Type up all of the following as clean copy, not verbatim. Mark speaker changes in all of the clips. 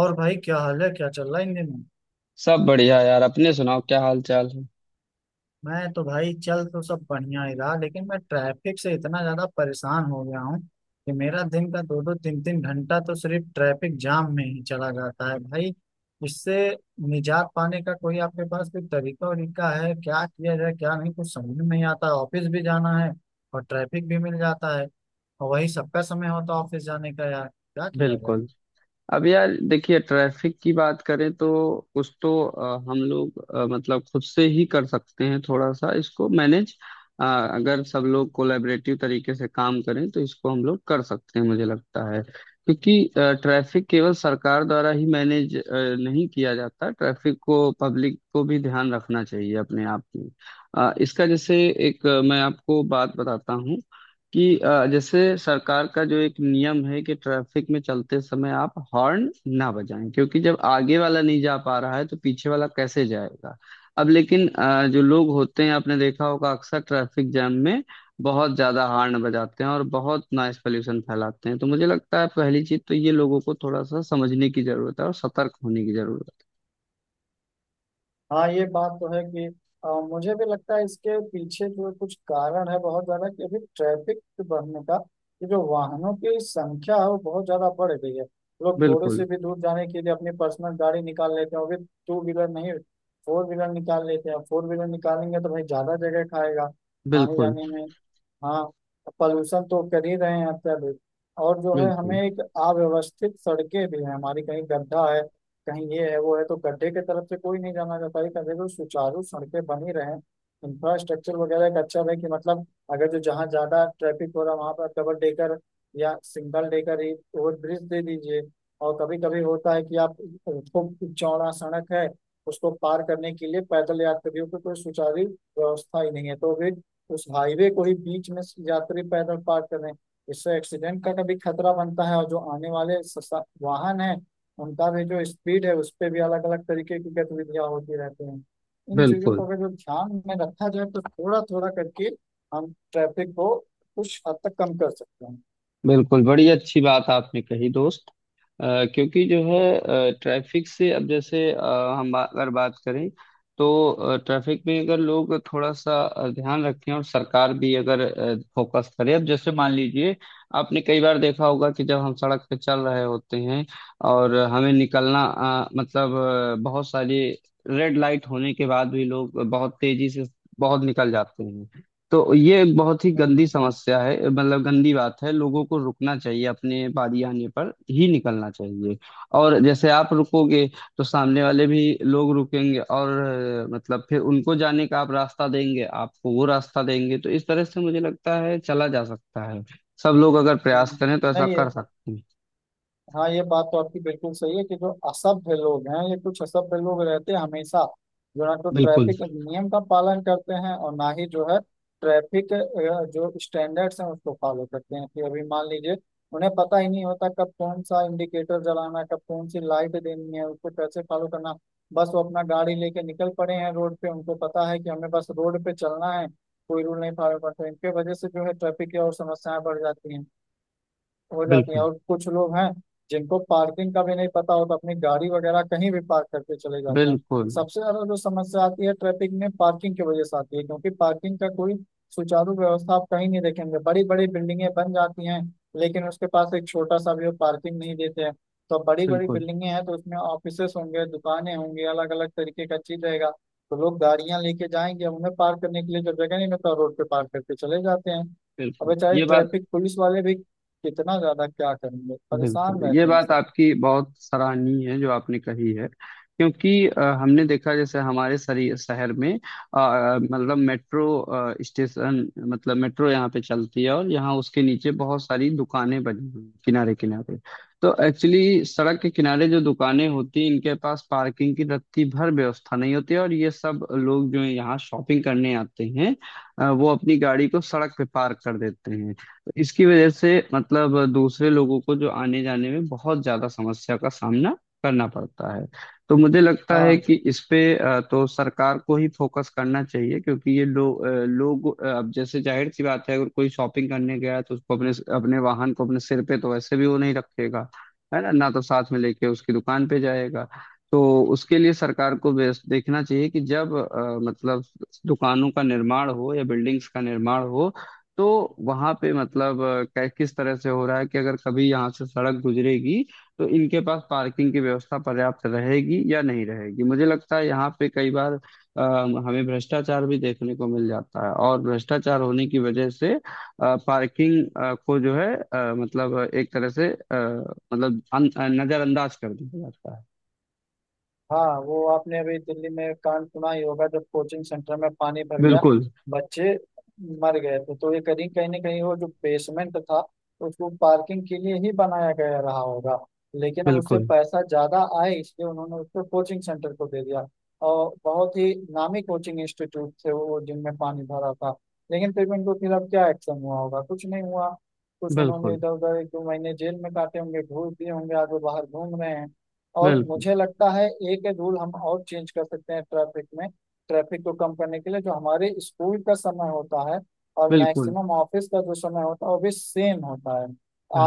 Speaker 1: और भाई, क्या हाल है, क्या चल रहा है इन दिनों?
Speaker 2: सब बढ़िया यार। अपने सुनाओ क्या हाल चाल है।
Speaker 1: मैं तो भाई चल तो सब बढ़िया ही रहा, लेकिन मैं ट्रैफिक से इतना ज्यादा परेशान हो गया हूँ कि मेरा दिन का दो दो तीन तीन घंटा तो सिर्फ ट्रैफिक जाम में ही चला जाता है भाई। इससे निजात पाने का कोई आपके पास कोई तरीका वरीका है? क्या किया जाए क्या नहीं, कुछ समझ में नहीं आता। ऑफिस भी जाना है और ट्रैफिक भी मिल जाता है, और वही सबका समय होता है ऑफिस जाने का। यार, क्या किया जाए।
Speaker 2: बिल्कुल। अब यार देखिए ट्रैफिक की बात करें तो कुछ तो हम लोग मतलब खुद से ही कर सकते हैं थोड़ा सा इसको मैनेज। अगर सब लोग कोलैबोरेटिव तरीके से काम करें तो इसको हम लोग कर सकते हैं मुझे लगता है क्योंकि ट्रैफिक केवल सरकार द्वारा ही मैनेज नहीं किया जाता। ट्रैफिक को पब्लिक को भी ध्यान रखना चाहिए अपने आप में। इसका जैसे एक मैं आपको बात बताता हूँ कि जैसे सरकार का जो एक नियम है कि ट्रैफिक में चलते समय आप हॉर्न ना बजाएं क्योंकि जब आगे वाला नहीं जा पा रहा है तो पीछे वाला कैसे जाएगा। अब लेकिन जो लोग होते हैं आपने देखा होगा अक्सर ट्रैफिक जाम में बहुत ज्यादा हॉर्न बजाते हैं और बहुत नॉइस पॉल्यूशन फैलाते हैं। तो मुझे लगता है पहली चीज तो ये लोगों को थोड़ा सा समझने की जरूरत है और सतर्क होने की जरूरत है।
Speaker 1: हाँ, ये बात तो है कि मुझे भी लगता है इसके पीछे जो कुछ कारण है बहुत ज्यादा, कि अभी ट्रैफिक बढ़ने का कि जो वाहनों की संख्या है वो बहुत ज्यादा बढ़ गई है। लोग थोड़ी
Speaker 2: बिल्कुल।
Speaker 1: सी भी दूर जाने के लिए अपनी पर्सनल गाड़ी निकाल लेते हैं, वो भी टू व्हीलर नहीं, फोर व्हीलर निकाल लेते हैं। फोर व्हीलर निकालेंगे तो भाई ज्यादा जगह खाएगा आने
Speaker 2: बिल्कुल।
Speaker 1: जाने में। हाँ, पॉल्यूशन तो कर ही रहे हैं अत्यधिक। और जो है, हमें
Speaker 2: बिल्कुल।
Speaker 1: एक अव्यवस्थित सड़कें भी हैं हमारी, कहीं गड्ढा है, कहीं ये है वो है, तो गड्ढे की तरफ से कोई नहीं जाना चाहता है। कहते हैं कि अगर जो सुचारू सड़कें बनी रहें, इंफ्रास्ट्रक्चर वगैरह एक अच्छा रहे, कि मतलब अगर जो जहाँ ज्यादा ट्रैफिक हो रहा वहां पर डबल डेकर या सिंगल डेकर ही ओवर ब्रिज दे दीजिए। और कभी कभी होता है कि आप, खूब चौड़ा सड़क है, उसको पार करने के लिए पैदल यात्रियों की कोई सुचारू व्यवस्था ही नहीं है, तो भी उस हाईवे को ही बीच में यात्री पैदल पार कर रहे हैं। इससे एक्सीडेंट का कभी खतरा बनता है, और जो आने वाले वाहन है उनका भी जो स्पीड है उस पे भी अलग अलग तरीके की गतिविधियां होती रहती हैं। इन चीजों को
Speaker 2: बिल्कुल।
Speaker 1: अगर जब ध्यान में रखा जाए तो थोड़ा थोड़ा करके हम ट्रैफिक को कुछ हद तक कम कर सकते हैं।
Speaker 2: बिल्कुल बड़ी अच्छी बात आपने कही दोस्त। क्योंकि जो है ट्रैफिक से अब जैसे हम अगर बात करें तो ट्रैफिक में अगर लोग थोड़ा सा ध्यान रखें और सरकार भी अगर फोकस करे। अब जैसे मान लीजिए आपने कई बार देखा होगा कि जब हम सड़क पे चल रहे होते हैं और हमें निकलना मतलब बहुत सारी रेड लाइट होने के बाद भी लोग बहुत तेजी से बहुत निकल जाते हैं। तो ये एक बहुत ही
Speaker 1: हम्म।
Speaker 2: गंदी समस्या है मतलब गंदी बात है। लोगों को रुकना चाहिए अपने बारी आने पर ही निकलना चाहिए। और जैसे आप रुकोगे तो सामने वाले भी लोग रुकेंगे और मतलब फिर उनको जाने का आप रास्ता देंगे आपको वो रास्ता देंगे तो इस तरह से मुझे लगता है चला जा सकता है। सब लोग अगर प्रयास
Speaker 1: हम्म।
Speaker 2: करें तो ऐसा
Speaker 1: नहीं है।
Speaker 2: कर सकते हैं।
Speaker 1: हाँ, ये बात तो आपकी बिल्कुल सही है कि जो असभ्य लोग हैं, ये कुछ असभ्य लोग रहते हैं हमेशा, जो ना तो
Speaker 2: बिल्कुल।
Speaker 1: ट्रैफिक नियम का पालन करते हैं और ना ही जो है ट्रैफिक जो स्टैंडर्ड्स हैं उसको फॉलो करते हैं। कि अभी मान लीजिए, उन्हें पता ही नहीं होता कब कौन सा इंडिकेटर जलाना है, कब कौन सी लाइट देनी है, उसको कैसे फॉलो करना। बस वो अपना गाड़ी लेके निकल पड़े हैं रोड पे, उनको पता है कि हमें बस रोड पे चलना है, कोई रूल नहीं फॉलो करते। इनके वजह से जो है ट्रैफिक की और समस्याएं बढ़ जाती हैं, हो जाती है।
Speaker 2: बिल्कुल।
Speaker 1: और कुछ लोग हैं जिनको पार्किंग का भी नहीं पता होता, अपनी गाड़ी वगैरह कहीं भी पार्क करके चले जाते हैं।
Speaker 2: बिल्कुल।
Speaker 1: सबसे ज्यादा जो समस्या आती है ट्रैफिक में पार्किंग की वजह से आती है, क्योंकि पार्किंग का कोई सुचारू व्यवस्था आप कहीं नहीं देखेंगे। बड़ी बड़ी बिल्डिंगें बन जाती हैं, लेकिन उसके पास एक छोटा सा भी वो पार्किंग नहीं देते हैं। तो बड़ी बड़ी
Speaker 2: बिल्कुल।
Speaker 1: बिल्डिंगें हैं तो उसमें ऑफिसेस होंगे, दुकानें होंगी, अलग अलग तरीके का चीज रहेगा, तो लोग गाड़ियां लेके जाएंगे। अब उन्हें पार्क करने के लिए जब जगह नहीं मिलता, रोड पे पार्क करके चले जाते हैं। अब
Speaker 2: बिल्कुल
Speaker 1: बेचारे
Speaker 2: ये बात।
Speaker 1: ट्रैफिक पुलिस वाले भी कितना ज्यादा क्या करेंगे,
Speaker 2: बिल्कुल
Speaker 1: परेशान
Speaker 2: ये
Speaker 1: रहते हैं
Speaker 2: बात
Speaker 1: सब।
Speaker 2: आपकी बहुत सराहनीय है जो आपने कही है। क्योंकि हमने देखा जैसे हमारे शहर में मतलब मेट्रो स्टेशन मतलब मेट्रो यहाँ पे चलती है और यहाँ उसके नीचे बहुत सारी दुकानें बनी हुई किनारे किनारे। तो एक्चुअली सड़क के किनारे जो दुकानें होती हैं इनके पास पार्किंग की रत्ती भर व्यवस्था नहीं होती है, और ये सब लोग जो यहाँ शॉपिंग करने आते हैं वो अपनी गाड़ी को सड़क पे पार्क कर देते हैं। इसकी वजह से मतलब दूसरे लोगों को जो आने जाने में बहुत ज्यादा समस्या का सामना करना पड़ता है। तो मुझे लगता है
Speaker 1: हाँ।
Speaker 2: कि इस पे तो सरकार को ही फोकस करना चाहिए क्योंकि ये लोग अब जैसे जाहिर सी बात है अगर कोई शॉपिंग करने गया तो उसको अपने अपने वाहन को अपने सिर पे तो वैसे भी वो नहीं रखेगा है ना। ना तो साथ में लेके उसकी दुकान पे जाएगा। तो उसके लिए सरकार को देखना चाहिए कि जब मतलब दुकानों का निर्माण हो या बिल्डिंग्स का निर्माण हो तो वहां पे मतलब किस तरह से हो रहा है कि अगर कभी यहाँ से सड़क गुजरेगी तो इनके पास पार्किंग की व्यवस्था पर्याप्त रहेगी या नहीं रहेगी। मुझे लगता है यहाँ पे कई बार हमें भ्रष्टाचार भी देखने को मिल जाता है और भ्रष्टाचार होने की वजह से पार्किंग को जो है मतलब एक तरह से मतलब नजरअंदाज कर दिया जाता है।
Speaker 1: हाँ, वो आपने अभी दिल्ली में कांड सुना ही होगा जब कोचिंग सेंटर में पानी भर गया,
Speaker 2: बिल्कुल।
Speaker 1: बच्चे मर गए थे। तो ये कहीं कहीं ना कहीं वो जो बेसमेंट था उसको पार्किंग के लिए ही बनाया गया रहा होगा, लेकिन अब उससे
Speaker 2: बिल्कुल।
Speaker 1: पैसा ज्यादा आए इसलिए उन्होंने उसको कोचिंग सेंटर को दे दिया। और बहुत ही नामी कोचिंग इंस्टीट्यूट थे वो जिनमें पानी भरा था, लेकिन फिर भी उनके खिलाफ क्या एक्शन हुआ होगा, कुछ नहीं हुआ। कुछ उन्होंने
Speaker 2: बिल्कुल।
Speaker 1: इधर उधर एक दो महीने जेल में काटे होंगे, घूस दिए होंगे, आज वो बाहर घूम रहे हैं। और
Speaker 2: बिल्कुल।
Speaker 1: मुझे लगता है एक रूल हम और चेंज कर सकते हैं ट्रैफिक में, ट्रैफिक को कम करने के लिए। जो हमारे स्कूल का समय होता है और
Speaker 2: बिल्कुल।
Speaker 1: मैक्सिमम ऑफिस का जो समय होता है वो भी सेम होता है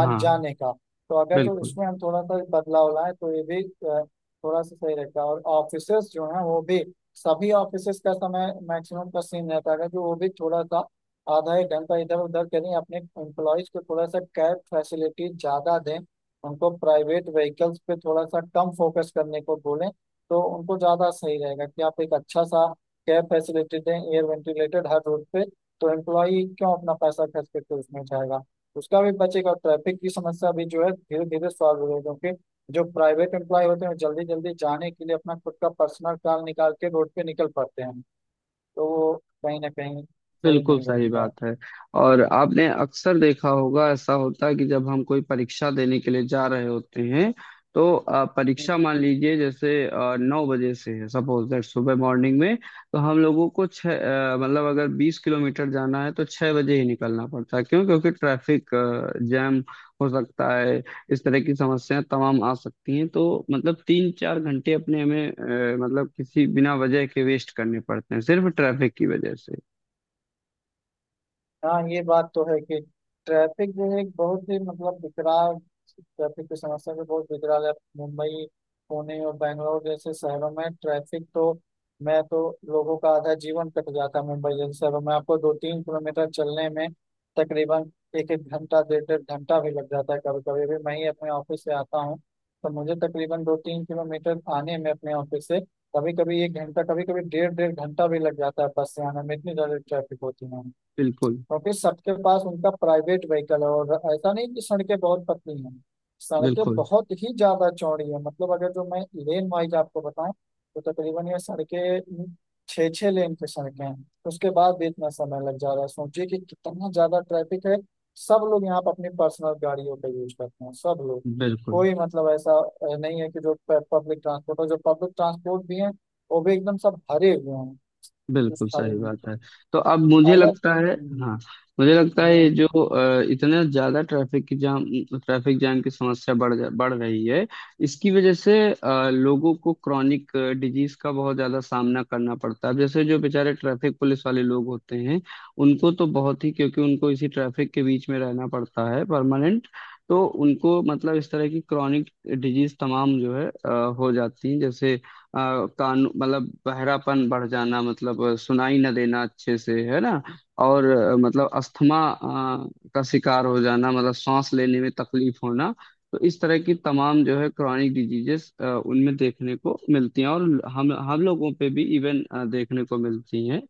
Speaker 1: आज जाने का। तो अगर जो
Speaker 2: बिल्कुल।
Speaker 1: इसमें हम थोड़ा सा बदलाव लाएं तो ये भी थोड़ा सा सही रहेगा। और ऑफिसेस जो है वो भी, सभी ऑफिसेस का समय मैक्सिमम का सेम रहता है, अगर जो वो भी थोड़ा सा आधा एक घंटा इधर उधर करें, अपने एम्प्लॉयज को थोड़ा सा कैब फैसिलिटी ज्यादा दें, उनको प्राइवेट व्हीकल्स पे थोड़ा सा कम फोकस करने को बोलें, तो उनको ज़्यादा सही रहेगा। कि आप एक अच्छा सा कैब फैसिलिटी दें, एयर वेंटिलेटेड, हर रोड पे, तो एम्प्लॉई क्यों अपना पैसा खर्च करके उसमें जाएगा? उसका भी बचेगा और ट्रैफिक की समस्या भी जो है धीरे धीरे सॉल्व हो जाएगी। क्योंकि जो प्राइवेट एम्प्लॉय होते हैं, जल्दी जल्दी जाने के लिए अपना खुद का पर्सनल कार निकाल के रोड पे निकल पड़ते हैं, तो वो कहीं ना कहीं सही
Speaker 2: बिल्कुल
Speaker 1: नहीं
Speaker 2: सही
Speaker 1: रहता है।
Speaker 2: बात है। और आपने अक्सर देखा होगा ऐसा होता है कि जब हम कोई परीक्षा देने के लिए जा रहे होते हैं तो परीक्षा मान लीजिए जैसे 9 बजे से है सपोज दैट सुबह मॉर्निंग में। तो हम लोगों को छः मतलब अगर 20 किलोमीटर जाना है तो 6 बजे ही निकलना पड़ता है क्यों क्योंकि ट्रैफिक जैम हो सकता है। इस तरह की समस्याएं तमाम आ सकती हैं तो मतलब 3 4 घंटे अपने हमें मतलब किसी बिना वजह के वेस्ट करने पड़ते हैं सिर्फ ट्रैफिक की वजह से।
Speaker 1: हाँ, ये बात तो है कि ट्रैफिक जो है एक बहुत ही मतलब विकराल, ट्रैफिक की समस्या भी बहुत विकराल है। मुंबई, पुणे और बेंगलोर जैसे शहरों में ट्रैफिक तो, मैं तो, लोगों का आधा जीवन कट जाता है मुंबई जैसे शहरों में। आपको दो तीन किलोमीटर चलने में तकरीबन एक एक घंटा, डेढ़ डेढ़ घंटा भी लग जाता है कभी कभी। अभी मैं ही अपने ऑफिस से आता हूँ, तो मुझे तकरीबन दो तीन किलोमीटर आने में अपने ऑफिस से कभी कभी एक घंटा, कभी कभी डेढ़ डेढ़ घंटा भी लग जाता है बस से आने में, इतनी ज्यादा ट्रैफिक होती है।
Speaker 2: बिल्कुल।
Speaker 1: क्योंकि सबके पास उनका प्राइवेट व्हीकल है। और ऐसा नहीं कि सड़कें बहुत पतली हैं, सड़कें
Speaker 2: बिल्कुल।
Speaker 1: बहुत ही ज्यादा चौड़ी हैं। मतलब अगर जो मैं लेन वाइज आपको बताऊं, तो तकरीबन ये सड़कें छः छः लेन की सड़कें हैं। उसके बाद भी इतना समय लग जा रहा है, सोचिए कि कितना ज्यादा ट्रैफिक है। सब लोग यहाँ पर अपनी पर्सनल गाड़ियों का यूज करते हैं, सब लोग।
Speaker 2: बिल्कुल।
Speaker 1: कोई मतलब ऐसा नहीं है कि जो पब्लिक ट्रांसपोर्ट हो, जो पब्लिक ट्रांसपोर्ट भी है वो भी एकदम सब भरे हुए हैं, कुछ
Speaker 2: बिल्कुल
Speaker 1: खाली
Speaker 2: सही
Speaker 1: नहीं।
Speaker 2: बात है। तो अब मुझे
Speaker 1: अलग।
Speaker 2: लगता है।
Speaker 1: हम्म।
Speaker 2: हाँ। मुझे लगता है ये
Speaker 1: हम्म।
Speaker 2: जो इतना ज्यादा ट्रैफिक की जाम ट्रैफिक जाम की समस्या बढ़ रही है। इसकी वजह से लोगों को क्रॉनिक डिजीज का बहुत ज्यादा सामना करना पड़ता है। अब जैसे जो बेचारे ट्रैफिक पुलिस वाले लोग होते हैं उनको तो बहुत ही क्योंकि उनको इसी ट्रैफिक के बीच में रहना पड़ता है परमानेंट। तो उनको मतलब इस तरह की क्रॉनिक डिजीज तमाम जो है हो जाती हैं जैसे कान मतलब बहरापन बढ़ जाना मतलब सुनाई न देना अच्छे से है ना। और मतलब अस्थमा का शिकार हो जाना मतलब सांस लेने में तकलीफ होना। तो इस तरह की तमाम जो है क्रॉनिक डिजीजेस उनमें देखने को मिलती हैं और हम लोगों पे भी इवन देखने को मिलती हैं।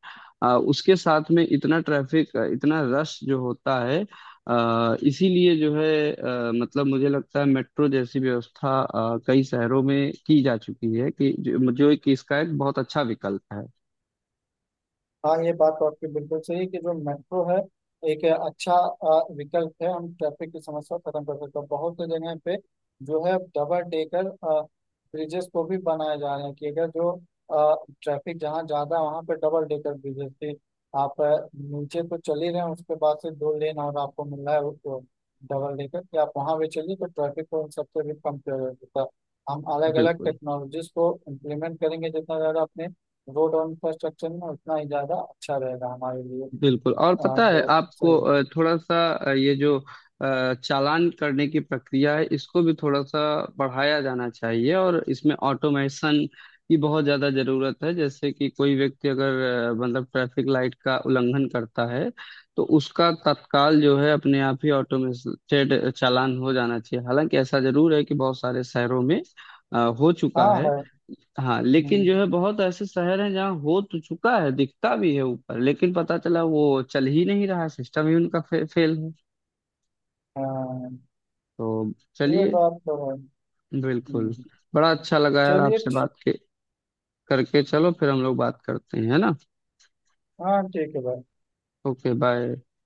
Speaker 2: उसके साथ में इतना ट्रैफिक इतना रश जो होता है इसीलिए जो है मतलब मुझे लगता है मेट्रो जैसी व्यवस्था कई शहरों में की जा चुकी है कि जो एक इसका एक बहुत अच्छा विकल्प है।
Speaker 1: हाँ, ये बात तो आपकी बिल्कुल सही है कि जो मेट्रो है एक अच्छा विकल्प है। हम ट्रैफिक की समस्या को खत्म कर सकते हैं। बहुत से जगह पे जो है डबल डेकर ब्रिजेस को भी बनाए जा रहे हैं, कि अगर जो ट्रैफिक जहाँ ज्यादा है वहाँ पे डबल डेकर ब्रिजेस थी। आप नीचे तो चल ही रहे हैं, उसके बाद से दो लेन और आपको मिल रहा है वो डबल डेकर, कि आप वहाँ भी चलिए, तो ट्रैफिक को उन सबसे भी कम किया जा सकता है। हम अलग अलग
Speaker 2: बिल्कुल।
Speaker 1: टेक्नोलॉजीज को इम्प्लीमेंट करेंगे जितना ज़्यादा अपने रोड और इंफ्रास्ट्रक्चर में, उतना ही ज्यादा अच्छा रहेगा हमारे लिए। अ,
Speaker 2: बिल्कुल और पता है
Speaker 1: तो सही
Speaker 2: आपको
Speaker 1: है।
Speaker 2: थोड़ा सा ये जो चालान करने की प्रक्रिया है इसको भी थोड़ा सा बढ़ाया जाना चाहिए और इसमें ऑटोमेशन की बहुत ज्यादा जरूरत है। जैसे कि कोई व्यक्ति अगर मतलब ट्रैफिक लाइट का उल्लंघन करता है तो उसका तत्काल जो है अपने आप ही ऑटोमेटेड चालान हो जाना चाहिए। हालांकि ऐसा जरूर है कि बहुत सारे शहरों में हो चुका
Speaker 1: हाँ,
Speaker 2: है।
Speaker 1: है।
Speaker 2: हाँ लेकिन
Speaker 1: हम्म।
Speaker 2: जो है बहुत ऐसे शहर हैं जहाँ हो तो चुका है दिखता भी है ऊपर लेकिन पता चला वो चल ही नहीं रहा सिस्टम ही उनका फेल है।
Speaker 1: हाँ,
Speaker 2: तो
Speaker 1: ये
Speaker 2: चलिए।
Speaker 1: बात तो है।
Speaker 2: बिल्कुल।
Speaker 1: हम्म।
Speaker 2: बड़ा अच्छा लगा यार
Speaker 1: चलिए
Speaker 2: आपसे बात के करके। चलो फिर हम लोग बात करते हैं है ना।
Speaker 1: हाँ, ठीक है भाई।
Speaker 2: Okay bye.